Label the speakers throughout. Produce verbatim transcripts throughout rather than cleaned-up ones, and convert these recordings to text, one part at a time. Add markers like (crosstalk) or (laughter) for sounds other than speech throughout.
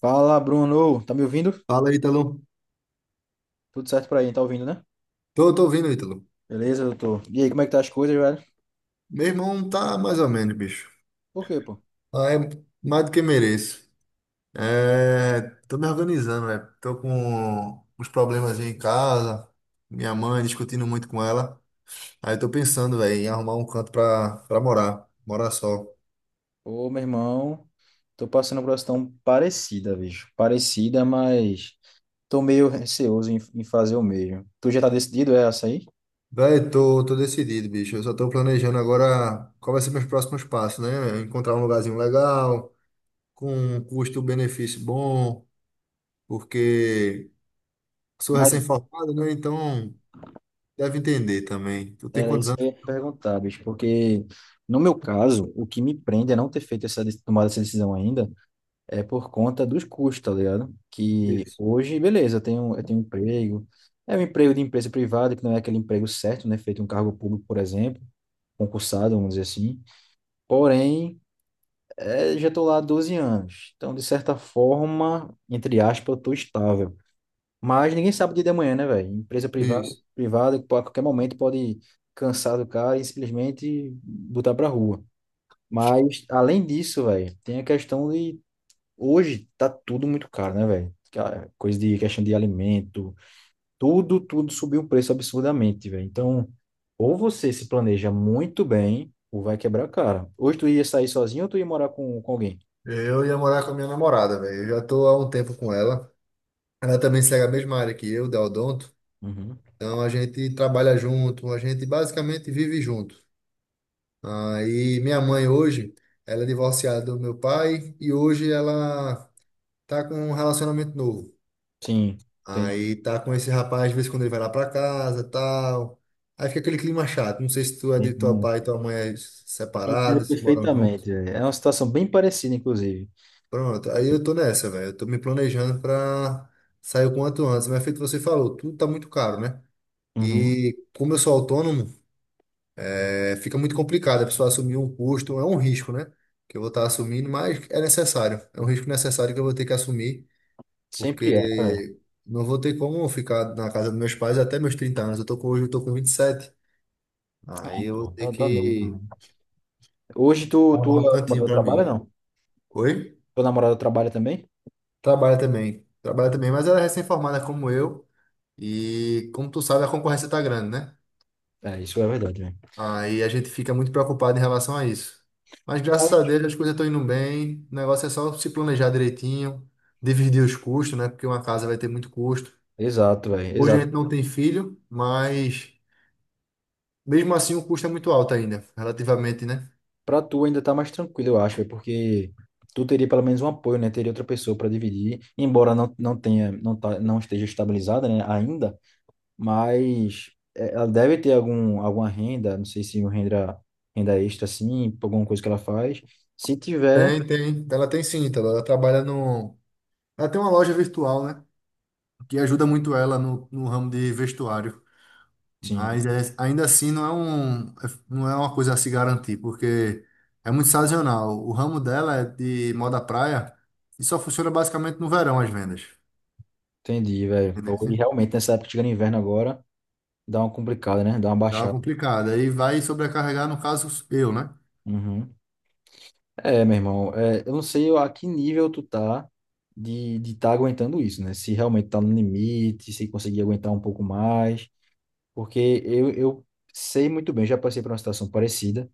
Speaker 1: Fala, Bruno. Tá me ouvindo?
Speaker 2: Fala, Ítalo.
Speaker 1: Tudo certo por aí, tá ouvindo, né?
Speaker 2: Tô, tô ouvindo, Ítalo.
Speaker 1: Beleza, doutor? E aí, como é que tá as coisas, velho?
Speaker 2: Meu irmão tá mais ou menos, bicho.
Speaker 1: Por quê, pô?
Speaker 2: Ah, É mais do que mereço. É, tô me organizando, né? Tô com uns problemas em casa. Minha mãe discutindo muito com ela. Aí tô pensando, velho, em arrumar um canto pra, pra morar. Morar só.
Speaker 1: Ô, meu irmão, tô passando por uma situação parecida, bicho. Parecida, mas tô meio receoso em, em fazer o mesmo. Tu já tá decidido, é essa aí?
Speaker 2: Velho, tô, tô decidido, bicho. Eu só tô planejando agora qual vai ser meus próximos passos, né? Encontrar um lugarzinho legal, com um custo-benefício bom, porque sou
Speaker 1: Mas
Speaker 2: recém-formado, né? Então. Deve entender também. Tu tem
Speaker 1: era
Speaker 2: quantos
Speaker 1: isso que
Speaker 2: anos?
Speaker 1: eu ia te perguntar, bicho, porque no meu caso, o que me prende é não ter feito essa, de- tomado essa decisão ainda. É por conta dos custos, tá ligado? Que
Speaker 2: Isso,
Speaker 1: hoje, beleza, eu tenho, eu tenho um emprego, é um emprego de empresa privada, que não é aquele emprego certo, né? Feito em um cargo público, por exemplo, concursado, vamos dizer assim. Porém, é, já estou lá há doze anos. Então, de certa forma, entre aspas, eu estou estável. Mas ninguém sabe o dia de amanhã, né, velho? Empresa privada,
Speaker 2: isso.
Speaker 1: privada, que pô, a qualquer momento pode cansar do cara e simplesmente botar pra rua. Mas, além disso, velho, tem a questão de. Hoje tá tudo muito caro, né, velho? Ca- Coisa de questão de alimento, tudo, tudo subiu o preço absurdamente, velho. Então, ou você se planeja muito bem, ou vai quebrar a cara. Hoje tu ia sair sozinho ou tu ia morar com, com alguém?
Speaker 2: Eu ia morar com a minha namorada, velho. Eu já tô há um tempo com ela. Ela também segue a mesma área que eu, da Odonto.
Speaker 1: Uhum.
Speaker 2: Então a gente trabalha junto, a gente basicamente vive junto. Aí minha mãe hoje, ela é divorciada do meu pai e hoje ela tá com um relacionamento novo.
Speaker 1: Sim, entendi.
Speaker 2: Aí tá com esse rapaz, de vez em quando ele vai lá pra casa, tal. Aí fica aquele clima chato. Não sei se tu é de teu
Speaker 1: Irmão,
Speaker 2: pai e tua mãe é
Speaker 1: entendo
Speaker 2: separados, se moram juntos.
Speaker 1: perfeitamente, velho. É uma situação bem parecida, inclusive.
Speaker 2: Pronto, aí eu tô nessa, velho. Eu tô me planejando pra sair o quanto antes. Mas é feito você falou, tudo tá muito caro, né?
Speaker 1: Uhum.
Speaker 2: E como eu sou autônomo, é, fica muito complicado a pessoa assumir um custo, é um risco, né? Que eu vou estar assumindo, mas é necessário. É um risco necessário que eu vou ter que assumir,
Speaker 1: Sempre é. É.
Speaker 2: porque não vou ter como ficar na casa dos meus pais até meus trinta anos. Eu tô com, hoje eu tô com vinte e sete.
Speaker 1: Ah,
Speaker 2: Aí eu vou
Speaker 1: pô,
Speaker 2: ter
Speaker 1: tá, tá novo.
Speaker 2: que
Speaker 1: Né? Hoje tu,
Speaker 2: arrumar um
Speaker 1: tua
Speaker 2: cantinho
Speaker 1: namorada
Speaker 2: pra
Speaker 1: trabalha,
Speaker 2: mim.
Speaker 1: não?
Speaker 2: Oi?
Speaker 1: Tua namorada trabalha também?
Speaker 2: Trabalha também. Trabalha também, mas ela é recém-formada como eu. E como tu sabe, a concorrência tá grande, né?
Speaker 1: É, isso é verdade, velho.
Speaker 2: Aí a gente fica muito preocupado em relação a isso. Mas graças a Deus as coisas estão indo bem. O negócio é só se planejar direitinho, dividir os custos, né? Porque uma casa vai ter muito custo.
Speaker 1: Exato, velho.
Speaker 2: Hoje a gente
Speaker 1: Exato.
Speaker 2: não tem filho, mas mesmo assim o custo é muito alto ainda, relativamente, né?
Speaker 1: Pra tu ainda tá mais tranquilo, eu acho, véi, porque tu teria pelo menos um apoio, né? Teria outra pessoa para dividir, embora não, não tenha, não, tá, não esteja estabilizada, né, ainda, mas é, ela deve ter algum, alguma renda, não sei se uma renda, renda extra, assim, por alguma coisa que ela faz. Se tiver,
Speaker 2: Tem, tem. Ela tem sim, Ítalo. Ela trabalha no. Ela tem uma loja virtual, né? Que ajuda muito ela no, no ramo de vestuário.
Speaker 1: sim,
Speaker 2: Mas é- ainda assim não é um, não é uma coisa a se garantir, porque é muito sazonal. O ramo dela é de moda praia e só funciona basicamente no verão as vendas.
Speaker 1: entendi, velho.
Speaker 2: Beleza?
Speaker 1: E realmente nessa época chegando inverno agora, dá uma complicada, né? Dá uma
Speaker 2: Tá
Speaker 1: baixada.
Speaker 2: complicado. Aí vai sobrecarregar, no caso, eu, né?
Speaker 1: Uhum. É, meu irmão, é, eu não sei a que nível tu tá de de tá aguentando isso, né? Se realmente tá no limite, se conseguir aguentar um pouco mais, porque eu, eu sei muito bem, já passei por uma situação parecida,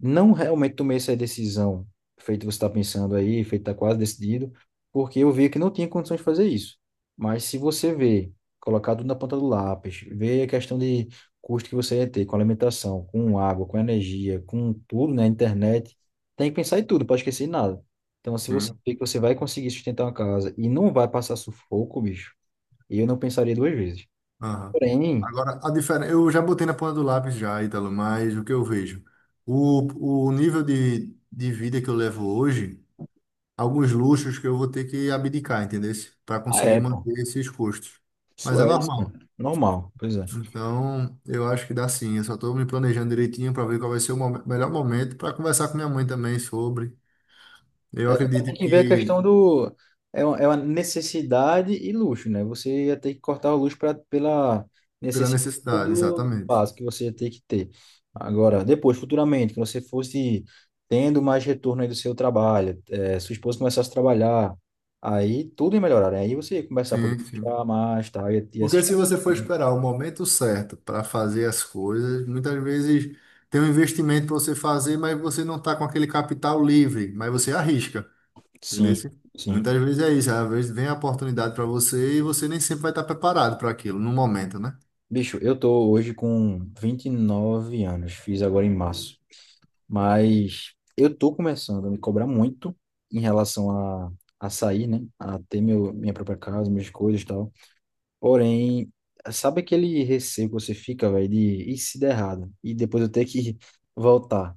Speaker 1: não realmente tomei essa decisão, feito você está pensando aí, feito está quase decidido, porque eu vi que não tinha condições de fazer isso. Mas se você vê, colocar tudo na ponta do lápis, ver a questão de custo que você ia ter com alimentação, com água, com energia, com tudo, né, internet, tem que pensar em tudo, não pode esquecer em nada. Então, se você
Speaker 2: Sim.
Speaker 1: vê que você vai conseguir sustentar uma casa e não vai passar sufoco, bicho, eu não pensaria duas vezes.
Speaker 2: Aham.
Speaker 1: Porém,
Speaker 2: Agora, a diferença, eu já botei na ponta do lápis já, Ítalo, mas o que eu vejo? O, o nível de, de vida que eu levo hoje, alguns luxos que eu vou ter que abdicar, entendeu? Para
Speaker 1: ah,
Speaker 2: conseguir
Speaker 1: é, pô.
Speaker 2: manter esses custos.
Speaker 1: Isso
Speaker 2: Mas é
Speaker 1: é isso, pô.
Speaker 2: normal.
Speaker 1: Normal, pois é.
Speaker 2: Então, eu acho que dá sim. Eu só estou me planejando direitinho para ver qual vai ser o mom- melhor momento para conversar com minha mãe também sobre. Eu
Speaker 1: Tem
Speaker 2: acredito
Speaker 1: que ver a
Speaker 2: que
Speaker 1: questão do. É uma, é uma necessidade e luxo, né? Você ia ter que cortar o luxo pra, pela
Speaker 2: pela
Speaker 1: necessidade
Speaker 2: necessidade,
Speaker 1: do
Speaker 2: exatamente.
Speaker 1: básico que você ia ter que ter. Agora, depois, futuramente, que você fosse tendo mais retorno aí do seu trabalho, eh, sua esposa começasse a trabalhar, aí tudo ia melhorar, né? Aí você ia começar a poder
Speaker 2: Sim, sim.
Speaker 1: gastar mais, tá? Ia, ia se
Speaker 2: Porque se
Speaker 1: estar-.
Speaker 2: você for
Speaker 1: Né?
Speaker 2: esperar o momento certo para fazer as coisas, muitas vezes tem um investimento para você fazer, mas você não está com aquele capital livre, mas você arrisca, entendeu?
Speaker 1: Sim, sim.
Speaker 2: Muitas vezes é isso. Às vezes vem a oportunidade para você e você nem sempre vai estar preparado para aquilo no momento, né?
Speaker 1: Bicho, eu tô hoje com vinte e nove anos, fiz agora em março. Mas eu tô começando a me cobrar muito em relação a, a sair, né? A ter meu, minha própria casa, minhas coisas e tal. Porém, sabe aquele receio que você fica, velho, de e se der errado? E depois eu ter que (laughs) voltar.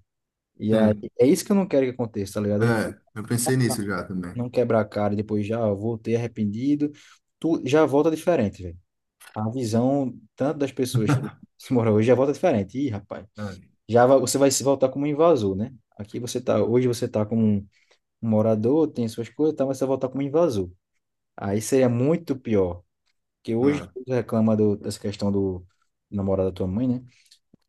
Speaker 1: E aí,
Speaker 2: Sim.
Speaker 1: é isso que eu não quero que aconteça, tá ligado? É
Speaker 2: É, eu pensei nisso já também.
Speaker 1: não quebrar a cara e depois já voltei arrependido. Tu já volta diferente, velho. A visão tanto das pessoas que se moram hoje já volta diferente. Ih, rapaz,
Speaker 2: É,
Speaker 1: já va- você vai se voltar como um invasor, né? Aqui você tá, hoje você tá como um um morador, tem suas coisas, e tal, mas você voltar como invasor. Aí seria muito pior, porque
Speaker 2: é,
Speaker 1: hoje
Speaker 2: é.
Speaker 1: tu reclama do- dessa questão do namorado da tua mãe, né?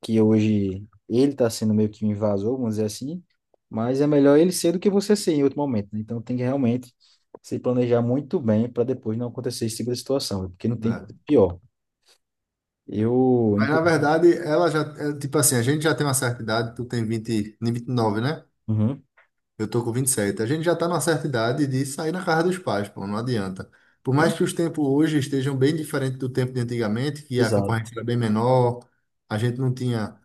Speaker 1: Que hoje ele tá sendo meio que um invasor, vamos dizer assim, mas é melhor ele ser do que você ser em outro momento, né? Então tem que realmente se planejar muito bem para depois não acontecer esse tipo de situação, porque não tem coisa pior. Eu,
Speaker 2: Mas na
Speaker 1: inclusive.
Speaker 2: verdade, ela já, é, tipo assim, a gente já tem uma certa idade, tu tem vinte, nem vinte e nove, né?
Speaker 1: Uhum.
Speaker 2: Eu tô com vinte e sete. A gente já tá numa certa idade de sair na casa dos pais, pô, não adianta. Por mais
Speaker 1: E-.
Speaker 2: que os tempos hoje estejam bem diferentes do tempo de antigamente, que a
Speaker 1: Exato.
Speaker 2: concorrência era bem menor, a gente não tinha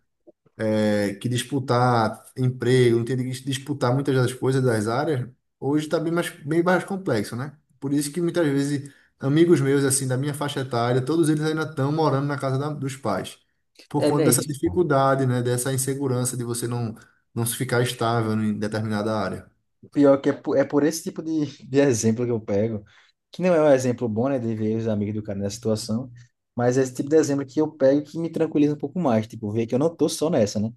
Speaker 2: é, que disputar emprego, não tem que disputar muitas das coisas das áreas, hoje está bem mais, bem mais complexo, né? Por isso que muitas vezes amigos meus, assim, da minha faixa etária, todos eles ainda estão morando na casa da- dos pais, por
Speaker 1: É,
Speaker 2: conta
Speaker 1: né,
Speaker 2: dessa
Speaker 1: isso.
Speaker 2: dificuldade, né? Dessa insegurança de você não, não se ficar estável em determinada área.
Speaker 1: Pior que é por, é por esse tipo de, de exemplo que eu pego, que não é um exemplo bom, né, de ver os amigos do cara nessa situação, mas é esse tipo de exemplo que eu pego que me tranquiliza um pouco mais, tipo, ver que eu não tô só nessa, né?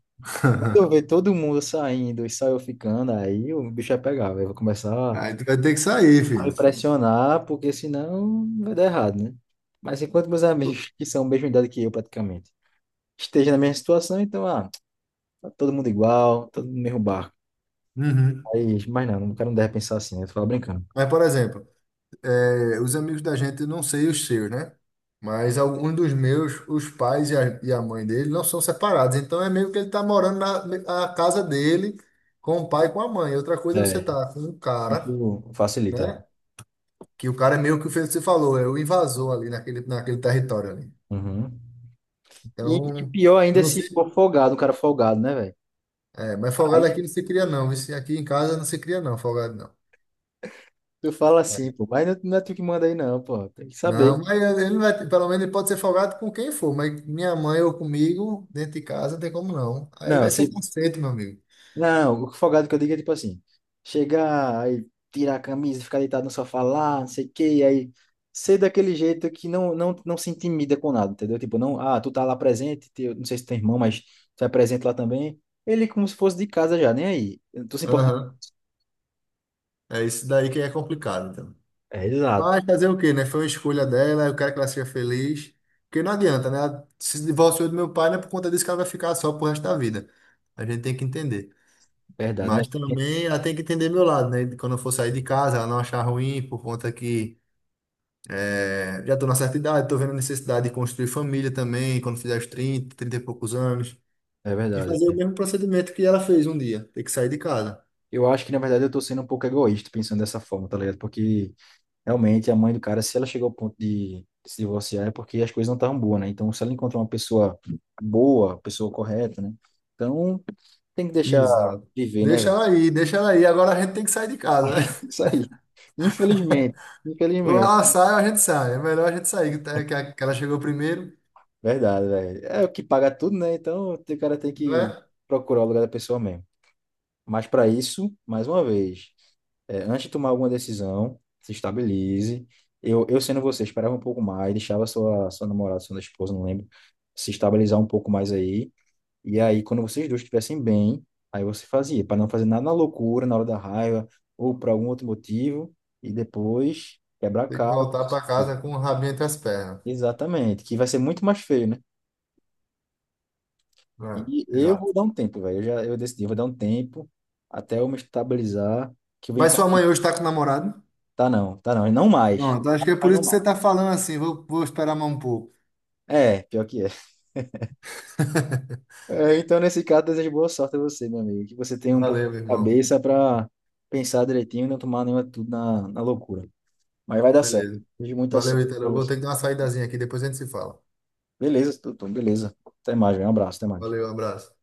Speaker 1: Quando eu ver todo mundo saindo e só eu ficando, aí o bicho vai pegar, eu vou começar
Speaker 2: Aí tu vai ter que sair,
Speaker 1: a me
Speaker 2: filho.
Speaker 1: pressionar, porque senão vai dar errado, né? Mas enquanto meus amigos, que são a mesma idade que eu praticamente, estejam na mesma situação, então, ah, tá todo mundo igual, todo mundo no mesmo barco.
Speaker 2: Uhum.
Speaker 1: Aí, mas não, o cara não deve pensar assim, né? Eu tô falando brincando.
Speaker 2: Mas, por exemplo, É, os amigos da gente, não sei os seus, né? Mas alguns dos meus, os pais e a, e a mãe dele não são separados. Então é meio que ele tá morando na, na casa dele com o pai e com a mãe. Outra coisa é você
Speaker 1: É,
Speaker 2: tá com um cara,
Speaker 1: isso facilita.
Speaker 2: né? Que o cara é meio que o que você falou, é o invasor ali naquele, naquele território ali.
Speaker 1: Uhum. E, e
Speaker 2: Então,
Speaker 1: pior
Speaker 2: eu
Speaker 1: ainda
Speaker 2: não
Speaker 1: se
Speaker 2: sei.
Speaker 1: for folgado, um cara folgado, né, velho?
Speaker 2: É, mas folgado
Speaker 1: Aí
Speaker 2: aqui não se cria, não. Isso aqui em casa não se cria, não, folgado
Speaker 1: tu fala assim,
Speaker 2: não.
Speaker 1: pô, mas não, não é tu que manda aí, não, pô. Tem que saber.
Speaker 2: Não, mas ele vai, pelo menos ele pode ser folgado com quem for, mas minha mãe ou comigo, dentro de casa, não tem como não. Aí
Speaker 1: Não,
Speaker 2: vai
Speaker 1: se,
Speaker 2: ser conceito, meu amigo.
Speaker 1: não, o folgado que eu digo é tipo assim: chegar, aí tirar a camisa, ficar deitado no sofá lá, não sei o quê, e aí ser daquele jeito que não, não, não se intimida com nada, entendeu? Tipo, não, ah, tu tá lá presente, teu- não sei se tem irmão, mas tu é presente lá também. Ele é como se fosse de casa já, nem aí. Tu se importa.
Speaker 2: Aham. É isso daí que é complicado, então.
Speaker 1: É, exato,
Speaker 2: Mas fazer o quê, né? Foi uma escolha dela, eu quero que ela seja feliz. Porque não adianta, né? Ela Se divorciou do meu pai, não é por conta disso que ela vai ficar só pro resto da vida. A gente tem que entender.
Speaker 1: verdade, né?
Speaker 2: Mas também ela tem que entender meu lado, né? Quando eu for sair de casa, ela não achar ruim por conta que É, já estou na certa idade, estou vendo a necessidade de construir família também, quando fizer os trinta trinta e poucos anos,
Speaker 1: É
Speaker 2: de
Speaker 1: verdade.
Speaker 2: fazer o mesmo procedimento que ela fez um dia, ter que sair de casa.
Speaker 1: Eu acho que, na verdade, eu tô sendo um pouco egoísta pensando dessa forma, tá ligado? Porque, realmente, a mãe do cara, se ela chegou ao ponto de se divorciar, é porque as coisas não estavam boas, né? Então, se ela encontrar uma pessoa boa, pessoa correta, né? Então, tem que deixar
Speaker 2: Exato.
Speaker 1: viver, né,
Speaker 2: Deixa
Speaker 1: velho?
Speaker 2: ela aí, deixa ela aí, agora a gente tem que sair de casa, né?
Speaker 1: (laughs) Isso aí. Infelizmente,
Speaker 2: (laughs) Ou
Speaker 1: infelizmente.
Speaker 2: ela sai ou a gente sai, é melhor a gente sair, que tá- que a- que ela chegou primeiro,
Speaker 1: Verdade, velho. É o que paga tudo, né? Então, o cara tem
Speaker 2: não
Speaker 1: que
Speaker 2: é?
Speaker 1: procurar o lugar da pessoa mesmo. Mas, para isso, mais uma vez. É, antes de tomar alguma decisão, se estabilize. Eu, eu sendo você, esperava um pouco mais, deixava sua, sua namorada, sua esposa, não lembro, se estabilizar um pouco mais aí. E aí, quando vocês dois estivessem bem, aí você fazia, para não fazer nada na loucura, na hora da raiva, ou por algum outro motivo, e depois quebrar a
Speaker 2: Tem que
Speaker 1: cara.
Speaker 2: voltar para casa com o rabinho entre as pernas.
Speaker 1: Exatamente, que vai ser muito mais feio, né?
Speaker 2: É,
Speaker 1: E eu vou
Speaker 2: exato.
Speaker 1: dar um tempo, velho. Eu já eu decidi, eu vou dar um tempo até eu me estabilizar, que eu venho
Speaker 2: Mas
Speaker 1: falar,
Speaker 2: sua mãe hoje está com o namorado?
Speaker 1: tá não, tá não, e não mais,
Speaker 2: Pronto, acho que é por
Speaker 1: mas
Speaker 2: isso
Speaker 1: não
Speaker 2: que você
Speaker 1: mais.
Speaker 2: está falando assim, vou, vou esperar mais um pouco.
Speaker 1: É, pior que é. É, então, nesse caso, desejo boa sorte a você, meu amigo. Que você tenha um pouco de
Speaker 2: Valeu, meu irmão.
Speaker 1: cabeça para pensar direitinho e não tomar nenhuma tudo na, na loucura. Mas vai dar certo.
Speaker 2: Beleza.
Speaker 1: Desejo muita
Speaker 2: Valeu,
Speaker 1: sorte
Speaker 2: Ítalo.
Speaker 1: para
Speaker 2: Eu vou
Speaker 1: você.
Speaker 2: ter que dar uma saídazinha aqui, depois a gente se fala.
Speaker 1: Beleza, Tutum, beleza. Até mais, velho. Um abraço, até mais.
Speaker 2: Valeu, um abraço.